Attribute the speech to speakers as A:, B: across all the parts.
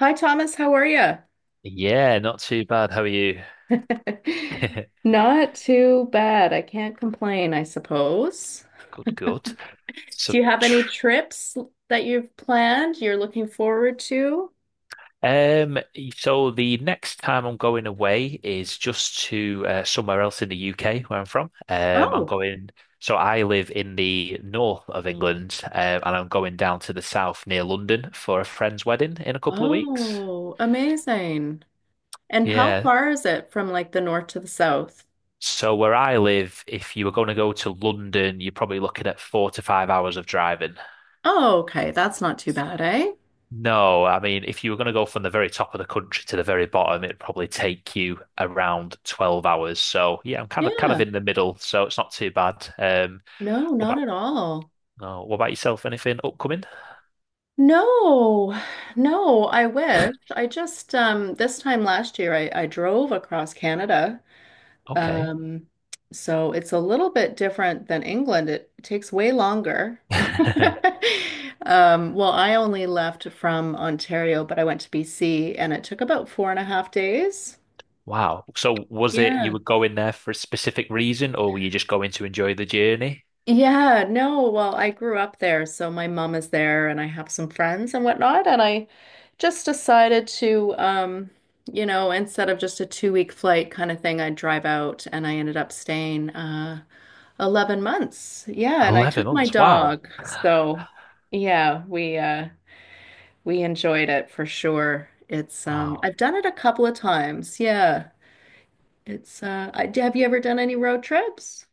A: Hi, Thomas. How are you?
B: Yeah, not too bad. How are you?
A: Not too bad. I can't complain, I suppose.
B: Good, good. So,
A: Do you have
B: tr
A: any trips that you've planned you're looking forward to?
B: um, so the next time I'm going away is just to somewhere else in the UK where I'm from. I'm
A: Oh,
B: going. So I live in the north of England, and I'm going down to the south near London for a friend's wedding in a couple of weeks.
A: oh, amazing. And how
B: Yeah.
A: far is it from like the north to the south?
B: So where I live, if you were going to go to London, you're probably looking at 4 to 5 hours of driving.
A: Oh, okay. That's not too bad, eh?
B: No, I mean, if you were going to go from the very top of the country to the very bottom, it'd probably take you around 12 hours. So yeah, I'm kind of
A: Yeah.
B: in the middle, so it's not too bad.
A: No,
B: What
A: not
B: about
A: at all.
B: no, what about yourself? Anything upcoming?
A: No, no, I wish. I just this time last year I drove across Canada.
B: Okay.
A: Um, so it's a little bit different than England. It takes way longer. Well, I only left from Ontario, but I went to BC and it took about four and a half days.
B: Wow. So was it you
A: Yeah.
B: were going there for a specific reason, or were you just going to enjoy the journey?
A: Yeah, no, well, I grew up there, so my mom is there and I have some friends and whatnot, and I just decided to you know, instead of just a 2 week flight kind of thing, I'd drive out and I ended up staying 11 months. Yeah, and I
B: 11
A: took my
B: months. Wow.
A: dog. So, yeah, we enjoyed it for sure. It's
B: Wow.
A: I've done it a couple of times. Yeah. It's have you ever done any road trips?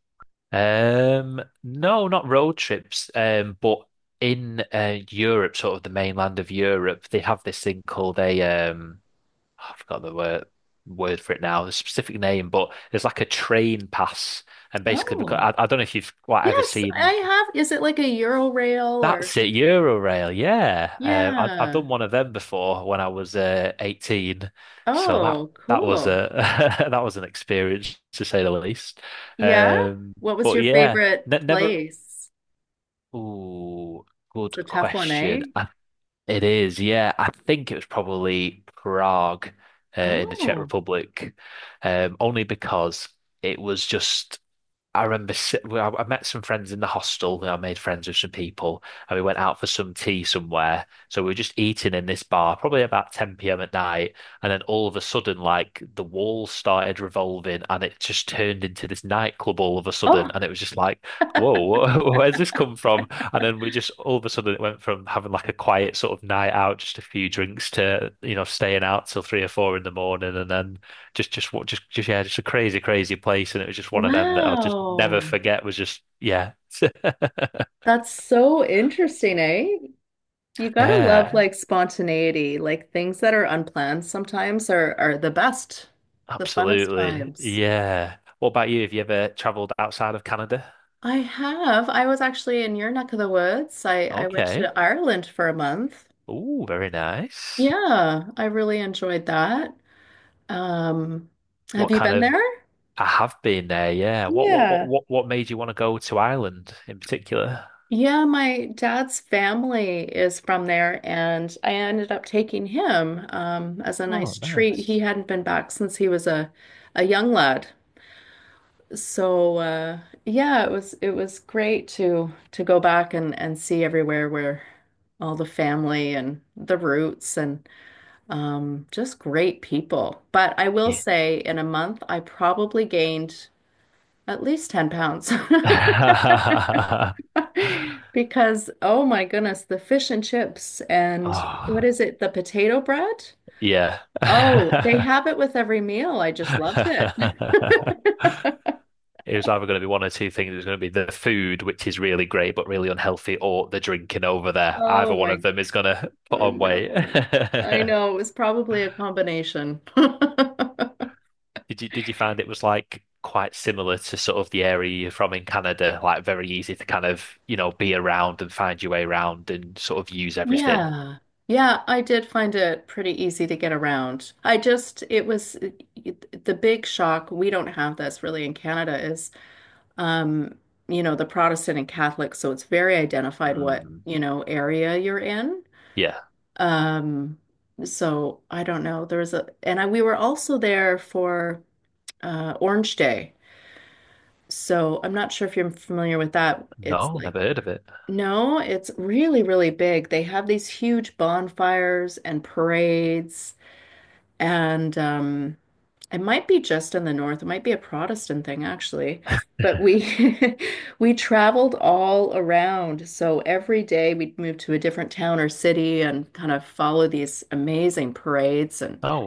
B: No, not road trips. But in Europe, sort of the mainland of Europe, they have this thing called a um, oh, I forgot the word for it now, the specific name, but there's like a train pass, and basically because
A: Oh.
B: I don't know if you've quite ever
A: Yes,
B: seen
A: I have. Is it like a Euro or
B: that's it, Eurorail. Yeah, I've
A: Yeah.
B: done one of them before when I was 18, so that
A: Oh,
B: that was
A: cool.
B: a that was an experience to say the least.
A: Yeah.
B: Um,
A: What was
B: but
A: your
B: yeah.
A: favorite
B: Ne never
A: place?
B: Ooh,
A: It's a
B: good
A: tough one, eh?
B: question. It is, yeah. I think it was probably Prague, in the Czech
A: Oh.
B: Republic, only because it was just. I remember well, I met some friends in the hostel. I made friends with some people, and we went out for some tea somewhere. So we were just eating in this bar, probably about 10 p.m. at night. And then all of a sudden, like the walls started revolving, and it just turned into this nightclub all of a sudden.
A: Oh,
B: And it was just like, whoa, where's this come from? And then we just all of a sudden it went from having like a quiet sort of night out, just a few drinks, to staying out till three or four in the morning, and then just what just yeah, just a crazy, crazy place. And it was just one of them that I'll just never
A: wow.
B: forget was just yeah.
A: That's so interesting, eh? You gotta love
B: Yeah,
A: like spontaneity. Like things that are unplanned sometimes are the best, the funnest
B: absolutely.
A: times.
B: Yeah. What about you? Have you ever traveled outside of Canada?
A: I have. I was actually in your neck of the woods. I went
B: Okay.
A: to Ireland for a month.
B: Ooh, very nice.
A: Yeah, I really enjoyed that. Um, have
B: What
A: you
B: kind
A: been
B: of
A: there?
B: I have been there, yeah. What what what
A: Yeah.
B: what what made you want to go to Ireland in particular?
A: Yeah, my dad's family is from there, and I ended up taking him as a
B: Oh,
A: nice treat. He
B: nice.
A: hadn't been back since he was a young lad. So yeah, it was great to go back and see everywhere where all the family and the roots and just great people. But I will
B: Yeah.
A: say in a month I probably gained at least 10 pounds. Because oh my goodness, the fish and chips and what
B: Oh,
A: is it, the potato bread?
B: yeah.
A: Oh, they have it with every meal. I just loved it.
B: It was either going to be one or two things. It was going to be the food, which is really great but really unhealthy, or the drinking over there. Either
A: Oh
B: one
A: my.
B: of them is going to put
A: I
B: on weight.
A: know. I know. It was probably a combination.
B: Did you find it was like quite similar to sort of the area you're from in Canada, like very easy to kind of, you know, be around and find your way around and sort of use everything?
A: Yeah. Yeah, I did find it pretty easy to get around. It was the big shock. We don't have this really in Canada is, um, you know, the Protestant and Catholic. So it's very identified what,
B: Mm,
A: you know, area you're in.
B: yeah.
A: Um, so I don't know. There was a, and I, We were also there for Orange Day. So I'm not sure if you're familiar with that. It's
B: No,
A: like
B: never heard of it.
A: no, it's really, really big. They have these huge bonfires and parades, and it might be just in the north. It might be a Protestant thing, actually. But we we traveled all around. So every day we'd move to a different town or city and kind of follow these amazing parades and
B: Oh,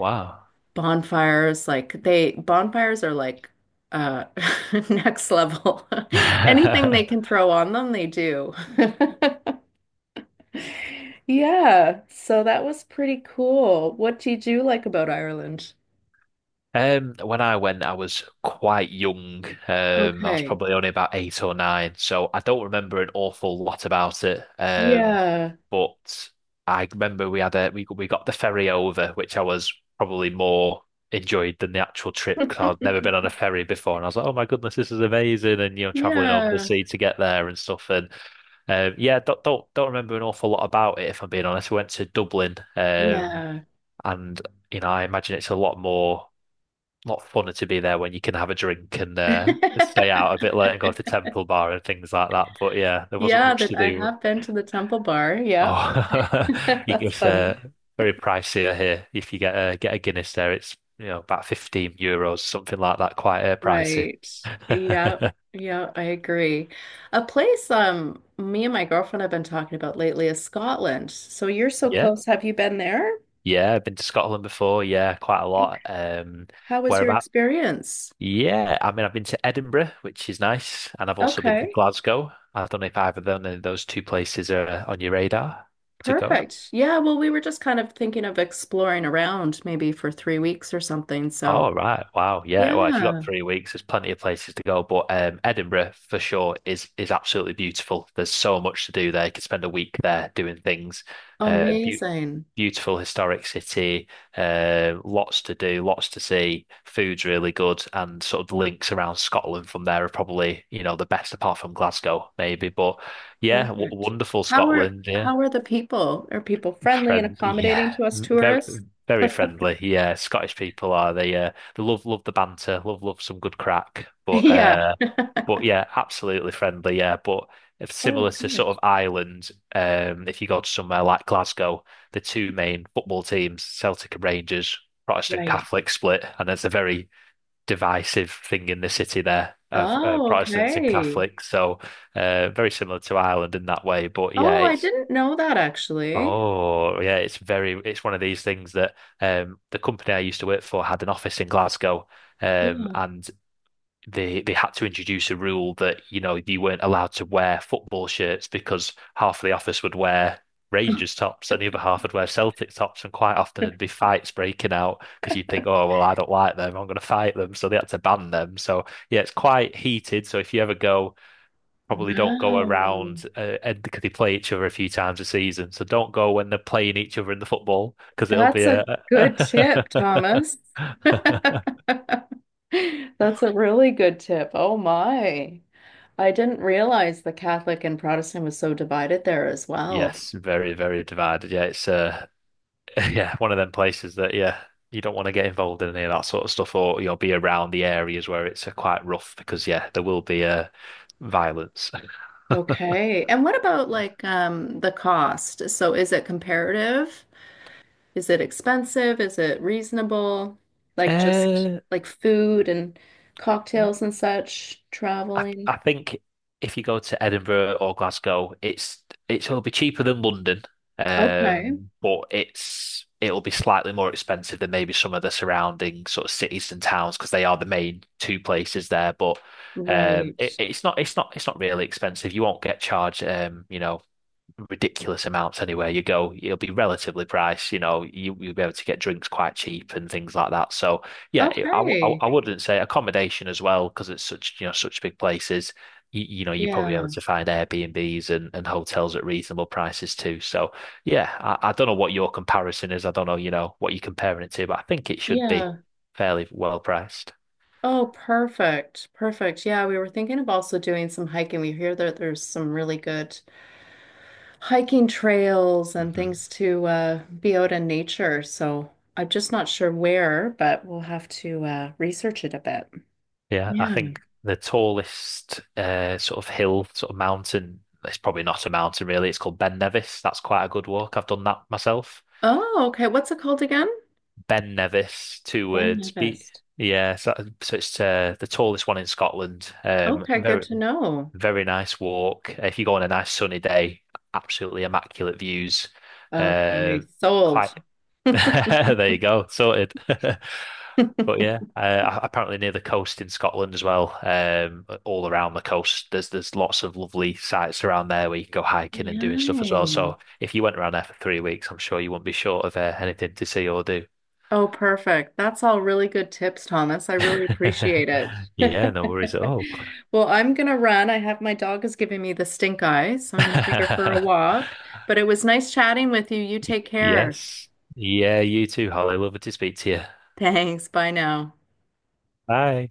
A: bonfires. Like they bonfires are like uh next level. Anything
B: wow.
A: they can throw on them, they do. Yeah, so that was pretty cool. What did you like about Ireland?
B: When I went, I was quite young. I was
A: Okay.
B: probably only about eight or nine, so I don't remember an awful lot about it.
A: Yeah.
B: But I remember we had a we got the ferry over, which I was probably more enjoyed than the actual trip because I'd never been on a ferry before, and I was like, oh my goodness, this is amazing, and you know, traveling over the
A: Yeah.
B: sea to get there and stuff. And yeah, don't remember an awful lot about it if I'm being honest. We went to Dublin,
A: Yeah.
B: and you know, I imagine it's a lot more not funner to be there when you can have a drink and stay out a bit late and go to Temple Bar and things like that. But yeah, there wasn't
A: Yeah,
B: much
A: that
B: to
A: I
B: do.
A: have been to the Temple Bar. Yep.
B: Oh, you
A: That's
B: get
A: funny.
B: very pricier here. If you get a Guinness there, it's you know about €15, something like that. Quite pricey.
A: Right. Yeah. Yeah, I agree. A place me and my girlfriend have been talking about lately is Scotland. So you're so
B: Yeah,
A: close. Have you been there?
B: yeah. I've been to Scotland before. Yeah, quite a
A: Okay.
B: lot.
A: How was your
B: Whereabouts?
A: experience?
B: Yeah, I mean, I've been to Edinburgh, which is nice, and I've also been to
A: Okay.
B: Glasgow. I don't know if either of them, of those two places are on your radar to go.
A: Perfect. Yeah, well, we were just kind of thinking of exploring around maybe for 3 weeks or something.
B: Oh,
A: So,
B: right. Wow. Yeah. Well, if you got
A: yeah,
B: three weeks, there's plenty of places to go. But Edinburgh, for sure, is absolutely beautiful. There's so much to do there. You could spend a week there doing things. Uh, beau-
A: amazing.
B: Beautiful historic city, lots to do, lots to see. Food's really good, and sort of the links around Scotland from there are probably, you know, the best apart from Glasgow, maybe. But yeah, w
A: Perfect.
B: Wonderful
A: How are
B: Scotland. Yeah,
A: how are the people? Are people friendly and
B: friendly.
A: accommodating
B: Yeah,
A: to us
B: very,
A: tourists?
B: very friendly. Yeah, Scottish people are they? They love the banter, love some good crack.
A: Yeah.
B: But yeah, absolutely friendly. Yeah, but if
A: Oh,
B: similar to sort
A: good.
B: of Ireland, if you go to somewhere like Glasgow, the two main football teams, Celtic and Rangers, Protestant
A: Right.
B: Catholic split, and there's a very divisive thing in the city there of
A: Oh,
B: Protestants and
A: okay.
B: Catholics. So very similar to Ireland in that way. But yeah,
A: Oh, I
B: it's
A: didn't know that actually.
B: oh yeah, it's very it's one of these things that the company I used to work for had an office in Glasgow,
A: Yeah.
B: and they had to introduce a rule that you know you weren't allowed to wear football shirts because half of the office would wear Rangers tops and the other half would wear Celtic tops, and quite often there'd be fights breaking out because you'd think, oh well, I don't like them, I'm going to fight them, so they had to ban them. So yeah, it's quite heated. So if you ever go, probably don't go
A: Wow.
B: around and because they play each other a few times a season, so don't go when they're playing each other in the football because it'll be
A: That's a
B: a
A: good tip, Thomas. That's a really good tip. Oh my. I didn't realize the Catholic and Protestant was so divided there as well.
B: Yes, very, very divided. Yeah, it's yeah, one of them places that yeah, you don't want to get involved in any of that sort of stuff, or you'll be around the areas where it's quite rough because yeah, there will be violence.
A: Okay. And what about like the cost? So is it comparative? Is it expensive? Is it reasonable? Like just
B: Uh,
A: like food and cocktails and such, traveling.
B: I think if you go to Edinburgh or Glasgow, it's it'll be cheaper than London,
A: Okay.
B: but it'll be slightly more expensive than maybe some of the surrounding sort of cities and towns because they are the main two places there. But
A: Right.
B: it's not really expensive. You won't get charged, you know ridiculous amounts anywhere you go. It'll be relatively priced, you know, you'll be able to get drinks quite cheap and things like that. So yeah,
A: Okay.
B: I wouldn't say accommodation as well because it's such, you know, such big places. You know, you're probably able
A: Yeah.
B: to find Airbnbs and hotels at reasonable prices too. So yeah, I don't know what your comparison is. I don't know, you know, what you're comparing it to, but I think it should be
A: Yeah.
B: fairly well priced.
A: Oh, perfect. Perfect. Yeah, we were thinking of also doing some hiking. We hear that there's some really good hiking trails and
B: hmm
A: things to be out in nature. So I'm just not sure where, but we'll have to research it a bit.
B: Yeah, I
A: Yeah.
B: think the tallest sort of hill, sort of mountain, it's probably not a mountain really, it's called Ben Nevis. That's quite a good walk. I've done that myself.
A: Oh, okay. What's it called again?
B: Ben Nevis, two
A: Ben
B: words. Be
A: Nevis.
B: yeah, so it's the tallest one in Scotland.
A: Okay, good
B: Very,
A: to know.
B: very nice walk. If you go on a nice sunny day, absolutely immaculate views. Uh,
A: Okay, sold.
B: quite, there you go, sorted. But yeah, apparently near the coast in Scotland as well, all around the coast, there's lots of lovely sites around there where you can go hiking and doing stuff as well.
A: Yay.
B: So if you went around there for three weeks, I'm sure you wouldn't be short of anything to see or do.
A: Oh, perfect. That's all really good tips, Thomas. I really appreciate it.
B: Yeah, no worries at all.
A: Well, I'm gonna run. I have my dog is giving me the stink eye, so I'm gonna take her for a walk. But it was nice chatting with you. You take care.
B: Yes. Yeah, you too, Holly. Lovely to speak to you.
A: Thanks. Bye now.
B: Bye.